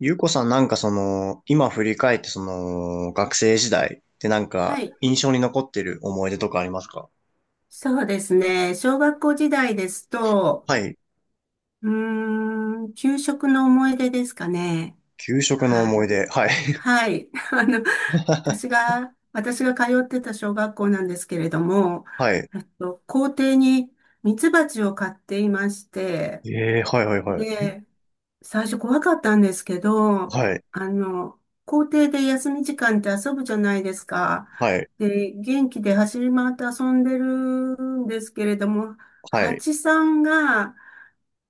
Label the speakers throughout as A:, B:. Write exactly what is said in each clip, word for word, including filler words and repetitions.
A: ゆうこさんなんかその、今振り返ってその、学生時代ってなん
B: は
A: か
B: い。
A: 印象に残ってる思い出とかありますか？
B: そうですね。小学校時代ですと、
A: はい。
B: うーん、給食の思い出ですかね。
A: 給食の
B: は
A: 思い
B: い。
A: 出。はい。
B: はい。あの、私が、私が通ってた小学校なんですけれども、
A: はい。
B: えっと、校庭にミツバチを飼っていまして、
A: ええー、はいはいはい。
B: で、最初怖かったんですけど、
A: はい。
B: あの、校庭で休み時間って遊ぶじゃないですか。
A: はい。
B: で、元気で走り回って遊んでるんですけれども、
A: はい。
B: 蜂さんが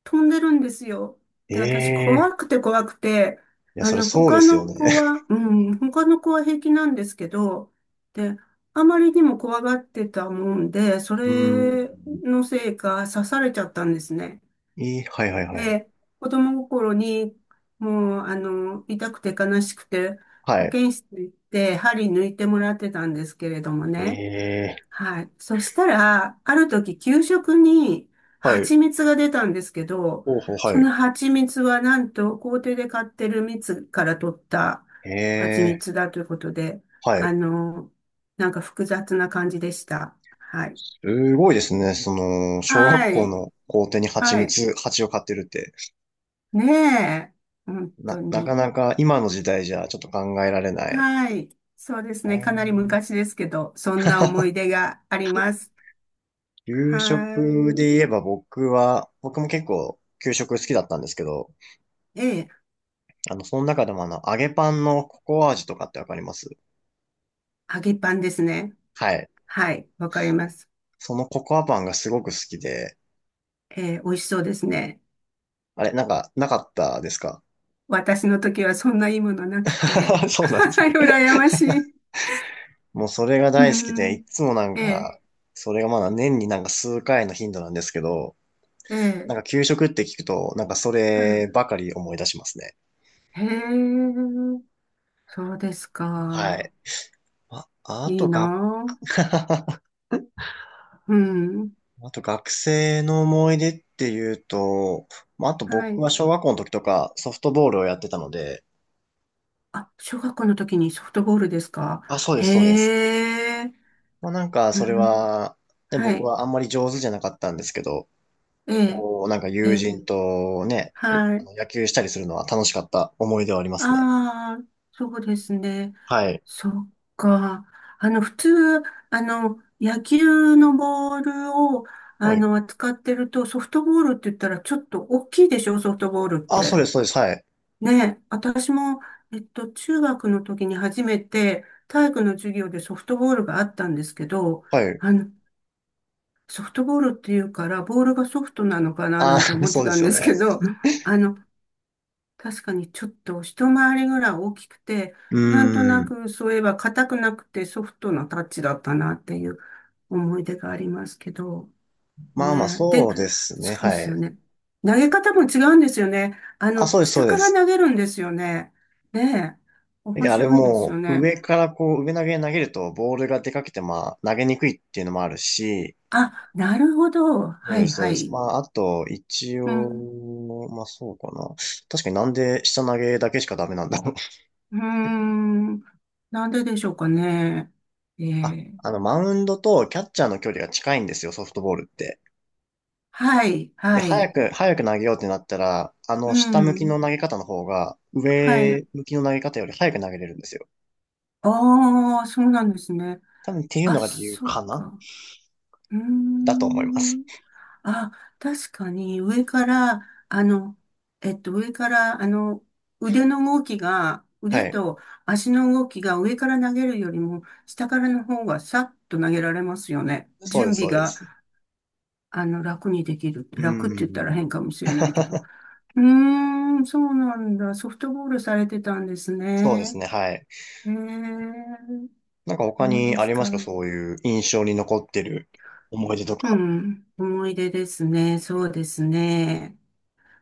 B: 飛んでるんですよ。
A: え
B: で、私怖
A: え
B: くて怖くて、
A: ー。いや、
B: あ
A: それ
B: の、
A: そうで
B: 他
A: すよ
B: の
A: ね。
B: 子は、うん、他の子は平気なんですけど、で、あまりにも怖がってたもんで、そ
A: うー
B: れ
A: ん。
B: のせいか刺されちゃったんですね。
A: えー、はいはいはい。
B: で、子供心に、もう、あの、痛くて悲しくて、
A: は
B: 保
A: い。
B: 健室に行って、針抜いてもらってたんですけれどもね。
A: ええ
B: はい。そしたら、ある時、給食に
A: ー、はい。
B: 蜂蜜が出たんですけど、
A: ほうほう、
B: そ
A: はい。
B: の蜂蜜はなんと、校庭で買ってる蜜から取った蜂
A: ええ
B: 蜜だということで、
A: ー、は
B: あ
A: い。
B: の、なんか複雑な感じでした。はい。
A: すごいですね。その、小学
B: は
A: 校
B: い。
A: の校庭に蜂
B: はい。
A: 蜜、蜂を飼ってるって。
B: ねえ。本
A: な、
B: 当
A: なか
B: に。
A: なか今の時代じゃちょっと考えられない。
B: はい。そうですね。かなり昔ですけど、そんな思い 出があります。
A: 給
B: は
A: 食
B: い。
A: で言えば僕は、僕も結構給食好きだったんですけど、
B: ええ、
A: あの、その中でもあの、揚げパンのココア味とかってわかります
B: 揚げパンですね。
A: はい。
B: はい。わかります。
A: そのココアパンがすごく好きで、
B: ええ、美味しそうですね。
A: あれ、なんか、なかったですか？
B: 私の時はそんないいものなくて。
A: そうなんです
B: はい。
A: ね。
B: 羨まし い。
A: もうそれが
B: う
A: 大好きで、
B: ん。
A: いつもなん
B: ええ、
A: か、それがまだ年になんか数回の頻度なんですけど、
B: え
A: な
B: え、
A: んか給食って聞くと、なんかそ
B: はい。
A: ればかり思い出しますね。
B: へえ、そうです
A: は
B: か。
A: い。あ、あ
B: いい
A: と
B: な
A: が、
B: あ。うん。
A: あと学生の思い出っていうと、まあ、あと
B: は
A: 僕は
B: い。
A: 小学校の時とかソフトボールをやってたので、
B: あ、小学校の時にソフトボールですか。
A: あ、そうです、そうで
B: へ
A: す。
B: え。
A: まあ、なんか
B: う
A: それ
B: ん
A: は、ね、
B: は
A: 僕
B: い。
A: はあんまり上手じゃなかったんですけど、
B: ええ、
A: こう、なんか
B: え
A: 友
B: え、
A: 人とね、
B: は
A: あ
B: い。
A: の野球したりするのは楽しかった思い出はありますね。
B: ああ、そうですね。
A: はい。
B: そっか。あの、普通、あの、野球のボールを、あ
A: はい。
B: の、扱ってると、ソフトボールって言ったらちょっと大きいでしょ、ソフトボールっ
A: あ、そう
B: て。
A: です、そうです、はい。
B: ね、私も、えっと、中学の時に初めて体育の授業でソフトボールがあったんですけど、
A: はい。
B: あの、ソフトボールっていうから、ボールがソフトなのかな
A: あ、
B: なんて 思っ
A: そ
B: て
A: うで
B: た
A: す
B: ん
A: よ
B: です
A: ね。
B: けど、あの、確かにちょっと一回りぐらい大きくて、
A: う
B: なんとな
A: ーん。
B: くそういえば硬くなくてソフトなタッチだったなっていう思い出がありますけど、
A: まあまあ、
B: ね。で、
A: そうですね、
B: そうで
A: は
B: すよ
A: い。
B: ね。投げ方も違うんですよね。あ
A: あ、
B: の、
A: そうです、そ
B: 下
A: う
B: か
A: で
B: ら
A: す。
B: 投げるんですよね。ねえ。
A: い
B: 面
A: や、あれ
B: 白いですよ
A: もう、
B: ね。
A: 上からこう、上投げに投げると、ボールが出かけて、まあ、投げにくいっていうのもあるし、
B: あ、なるほど。
A: そう
B: は
A: で
B: い
A: す、そう
B: は
A: です。
B: い。
A: まあ、あと、一
B: うん。
A: 応、まあ、そうかな。確かになんで下投げだけしかダメなんだろう。
B: うーん。なんででしょうかね。え
A: あ、
B: え。
A: あの、マウンドとキャッチャーの距離が近いんですよ、ソフトボールって。
B: はい、
A: で、
B: は
A: 早
B: い。
A: く、早く投げようってなったら、あ
B: う
A: の、下向きの
B: ん。
A: 投げ方の方が、
B: は
A: 上
B: い。
A: 向きの投げ方より早く投げれるんですよ。
B: ああ、そうなんですね。
A: 多分っていうの
B: あ、
A: が理由
B: そっ
A: か
B: か。
A: な、
B: うー
A: だと思います。
B: ん。あ、確かに上から、あの、えっと、上から、あの、腕の動きが、
A: は
B: 腕
A: い。
B: と足の動きが上から投げるよりも、下からの方がさっと投げられますよね。
A: そう
B: 準
A: です、
B: 備
A: そうで
B: が、
A: す。
B: あの、楽にできる。
A: う
B: 楽って言ったら
A: ん。
B: 変かもしれないけど。うーん、そうなんだ。ソフトボールされてたんです
A: そうです
B: ね。
A: ね、はい。
B: ええ、
A: なんか他
B: そう
A: に
B: で
A: あ
B: す
A: りま
B: か。
A: すか、そういう印象に残ってる思い出と
B: う
A: か。
B: ん、思い出ですね。そうですね。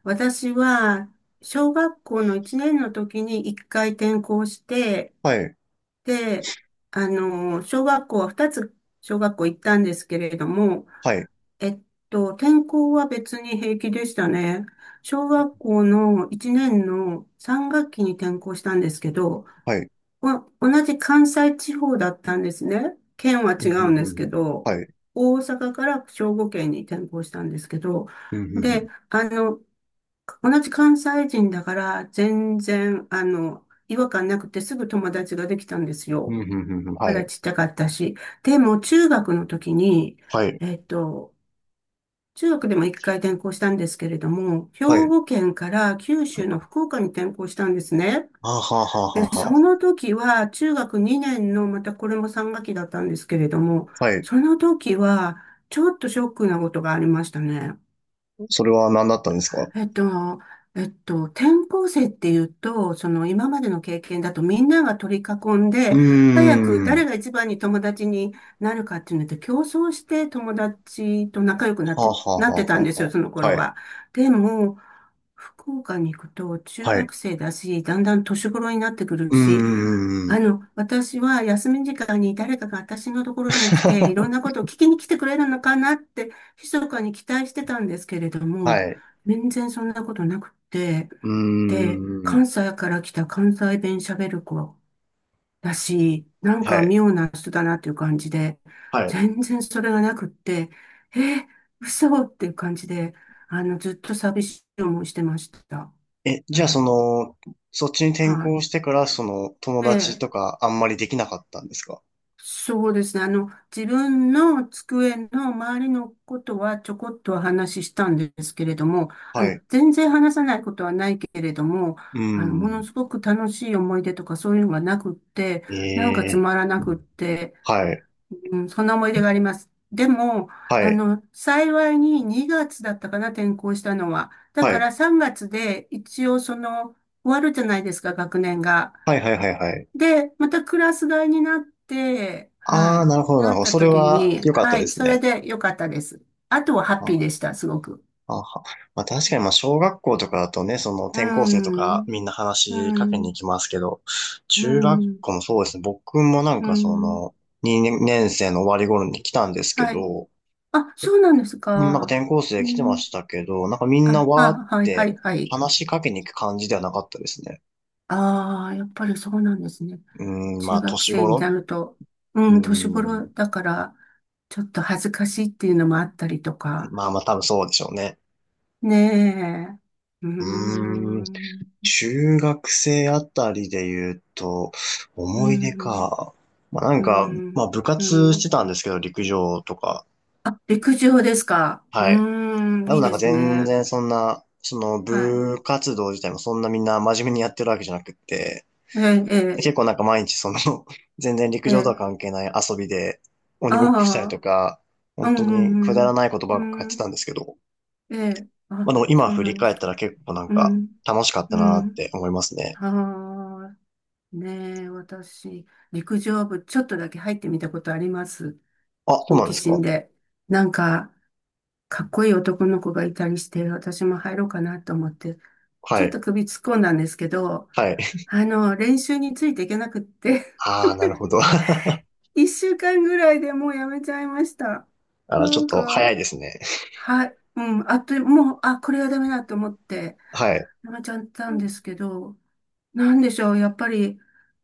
B: 私は、小学校のいちねんの時にいっかい転校して、
A: はい、
B: で、あの、小学校はふたつ小学校行ったんですけれども、
A: はい、
B: えっと、転校は別に平気でしたね。小学校のいちねんのさん学期に転校したんですけど、
A: はい。
B: ま、同じ関西地方だったんですね。県は
A: う
B: 違
A: んうん
B: うん
A: う
B: で
A: ん
B: す
A: う
B: け
A: ん、
B: ど、
A: はい。
B: 大阪から兵庫県に転校したんですけど、
A: うんう
B: で、
A: ん
B: あの、同じ関西人だから、全然、あの、違和感なくてすぐ友達ができたんです
A: う
B: よ。
A: んうんうんうんうん、は
B: まだ
A: い、
B: ちっちゃかったし。でも、中学の時に、
A: はい、
B: えっと、中学でも一回転校したんですけれども、兵
A: はい。
B: 庫県から九州の福岡に転校したんですね。
A: あはは
B: で、
A: はは
B: そ
A: は、
B: の時は中学にねんの、またこれもさん学期だったんですけれども、
A: はい。
B: その時はちょっとショックなことがありましたね。
A: それは何だったんですか？
B: えっと、えっと、転校生っていうと、その今までの経験だとみんなが取り囲ん
A: うー
B: で、早く誰
A: ん。
B: が一番に友達になるかっていうので競争して友達と仲良くなっ
A: はは
B: て、なって
A: は
B: たん
A: は
B: ですよ、
A: は、
B: その頃
A: はい、
B: は。でも、福岡に行くと中
A: はい。
B: 学生だし、だんだん年頃になってくる
A: うー
B: し、あ
A: ん。
B: の、私は休み時間に誰かが私のところに来て、いろんな ことを聞きに来てくれるのかなって、密かに期待してたんですけれども、
A: はい。
B: 全然そんなことなくって、
A: うー
B: で、
A: ん。
B: 関西から来た関西弁喋る子だし、なん
A: は
B: か
A: い。
B: 妙な人だなっていう感じで、
A: はい。
B: 全然それがなくって、えー、嘘っていう感じで、あの、ずっと寂しい思いしてました。
A: え、
B: う
A: じゃあそ
B: ん、
A: の、そっちに転
B: は
A: 校してから、その、友
B: い。
A: 達
B: で、
A: とかあんまりできなかったんですか？
B: そうですね。あの、自分の机の周りのことはちょこっとは話したんですけれども、あ
A: は
B: の、
A: い。
B: 全然話さないことはないけれども、
A: う
B: あの、もの
A: ん。
B: すごく楽しい思い出とかそういうのがなくって、
A: え
B: なんかつ
A: え。
B: まらなくって、
A: はい。
B: うん、そんな思い出があります。でも、
A: は
B: あ
A: い。
B: の、幸いににがつだったかな、転校したのは。だ
A: は
B: か
A: い。
B: らさんがつで一応その、終わるじゃないですか、学年が。
A: はいはいはいはい。
B: で、またクラス替えになって、は
A: ああ、
B: い、
A: なるほどな
B: な
A: るほ
B: っ
A: ど。
B: た
A: それ
B: 時
A: は
B: に、
A: 良かった
B: は
A: で
B: い、
A: す
B: それ
A: ね。
B: で良かったです。あとはハ
A: あ
B: ッピー
A: は、
B: でした、すごく。
A: あは。まあ確かにまあ小学校とかだとね、その
B: う
A: 転校生とか
B: ん、
A: みんな
B: う
A: 話しかけに行
B: ん、
A: きますけど、
B: う
A: 中学
B: ん、
A: 校もそうですね。僕もなん
B: う
A: かそ
B: ん、
A: の、にねん生の終わり頃に来たんですけ
B: はい。
A: ど、
B: あ、そうなんです
A: うん、なんか
B: か。
A: 転校
B: う
A: 生来てま
B: ん、
A: したけど、なんかみんな
B: あ、
A: わーっ
B: あ、はい、は
A: て
B: い、はい。
A: 話しかけに行く感じではなかったですね。
B: ああ、やっぱりそうなんですね。
A: うん、ま
B: 中
A: あ
B: 学
A: 年
B: 生にな
A: 頃、
B: ると、う
A: う
B: ん、年
A: ん、
B: 頃だから、ちょっと恥ずかしいっていうのもあったりとか。
A: まあまあ多分そうでしょうね。
B: ねえ。うー
A: うーん、
B: ん。
A: 中学生あたりで言うと、
B: う
A: 思い出
B: ん、
A: か。まあなん
B: う
A: か、まあ
B: ん、
A: 部
B: う
A: 活し
B: ん。
A: てたんですけど、陸上とか。
B: あ、陸上ですか。う
A: はい。
B: ーん、
A: で
B: い
A: も
B: い
A: なん
B: で
A: か
B: す
A: 全
B: ね。
A: 然そんな、その
B: はい。
A: 部活動自体もそんなみんな真面目にやってるわけじゃなくって、
B: ええ、え
A: 結構なんか毎日その、全然陸
B: え、え
A: 上と
B: え、
A: は関係ない遊びで鬼ごっ
B: あ
A: こしたりとか、
B: あ、う
A: 本当にく
B: ん、う
A: だら
B: ん、
A: ないことば
B: う
A: っかや
B: ん、
A: っ
B: う
A: て
B: ん、
A: たんですけど、
B: ええ、
A: ま
B: あ、
A: あでも今
B: そう
A: 振
B: な
A: り
B: んで
A: 返っ
B: すか。
A: たら結構なん
B: う
A: か
B: ん、
A: 楽しかった
B: う
A: なっ
B: ん、
A: て思いますね。
B: ああ、ねえ、私、陸上部ちょっとだけ入ってみたことあります。
A: あ、そう
B: 好
A: なん
B: 奇
A: です
B: 心
A: か。
B: で。なんか、かっこいい男の子がいたりして、私も入ろうかなと思ってち
A: は
B: ょっ
A: い、
B: と首突っ込んだんですけど、
A: はい。
B: あの、練習についていけなくって、
A: ああ、なるほど。
B: いっしゅうかんぐらいでもうやめちゃいました。
A: あー、
B: な
A: ちょっ
B: ん
A: と早い
B: か、
A: ですね。
B: はい、うん、あっという、もう、あ、これはダメだと思って、
A: はい、
B: やめちゃったんですけど、なんでしょう、やっぱり、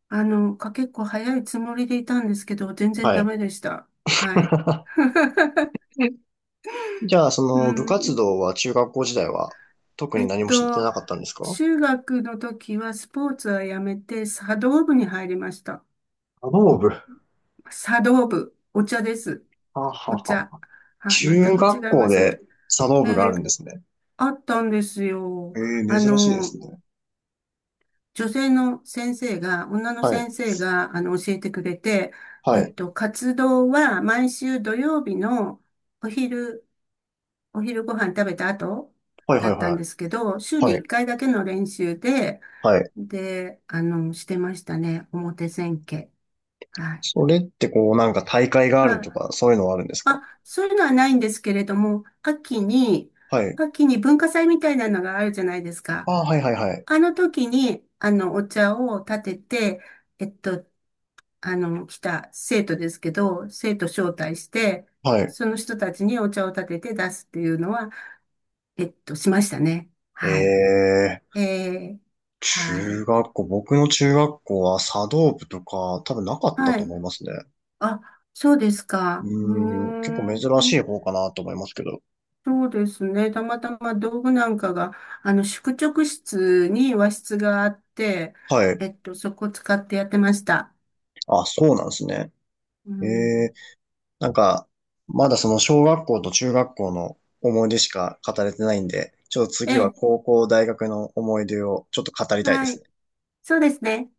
B: あの、か結構早いつもりでいたんですけど、全然
A: は
B: ダ
A: い。
B: メでした。はい。
A: じゃあ、そ
B: う
A: の部活
B: ん、
A: 動は中学校時代は特に
B: えっ
A: 何もして
B: と、
A: なかったんですか？
B: 中学の時はスポーツはやめて、茶道部に入りました。
A: 茶道部。は
B: 茶道部、お茶です。
A: あは
B: お
A: あは
B: 茶。
A: あ、
B: はい、全
A: 中
B: く
A: 学
B: 違い
A: 校
B: ますよ
A: で
B: ね。
A: 茶道部があ
B: で
A: るんですね。
B: あったんですよ。
A: ええ、
B: あ
A: 珍しいで
B: の、
A: すね。
B: 女性の先生が、女の
A: はい。
B: 先生が、あの、教えてくれて、え
A: は
B: っ
A: い。
B: と、活動は毎週土曜日のお昼、お昼ご飯食べた後
A: はいは
B: だ
A: い
B: っ
A: はい
B: たん
A: は
B: ですけど、週
A: い。
B: に
A: は
B: 1
A: い。
B: 回だけの練習で、
A: はい。
B: で、あの、してましたね。表千家。はい。
A: それってこう、なんか大会がある
B: は
A: と
B: い。
A: か、そういうのはあるんですか？
B: あ、そういうのはないんですけれども、秋に、
A: はい。
B: 秋に文化祭みたいなのがあるじゃないです
A: あ
B: か。
A: あ、はいはいはい。
B: あの時に、あの、お茶を立てて、えっと、あの、来た生徒ですけど、生徒招待して、
A: はい。
B: その人たちにお茶を立てて出すっていうのは、えっと、しましたね。
A: え
B: はい。
A: え、
B: えー、は
A: 中
B: い。
A: 学校、僕の中学校は茶道部とか、多分なかった
B: は
A: と
B: い。
A: 思いますね。
B: あ、そうです
A: う
B: か。うー
A: ーん、結構
B: ん。
A: 珍しい方かなと思いますけど。
B: そうですね。たまたま道具なんかが、あの、宿直室に和室があって、
A: はい。
B: えっと、そこを使ってやってました。
A: あ、そうなんですね。
B: う
A: ええ、
B: ん。
A: なんか、まだその小学校と中学校の思い出しか語れてないんで、ちょっと
B: え
A: 次は
B: え。
A: 高校、大学の思い出をちょっと語りたいで
B: は
A: す
B: い。
A: ね。
B: そうですね。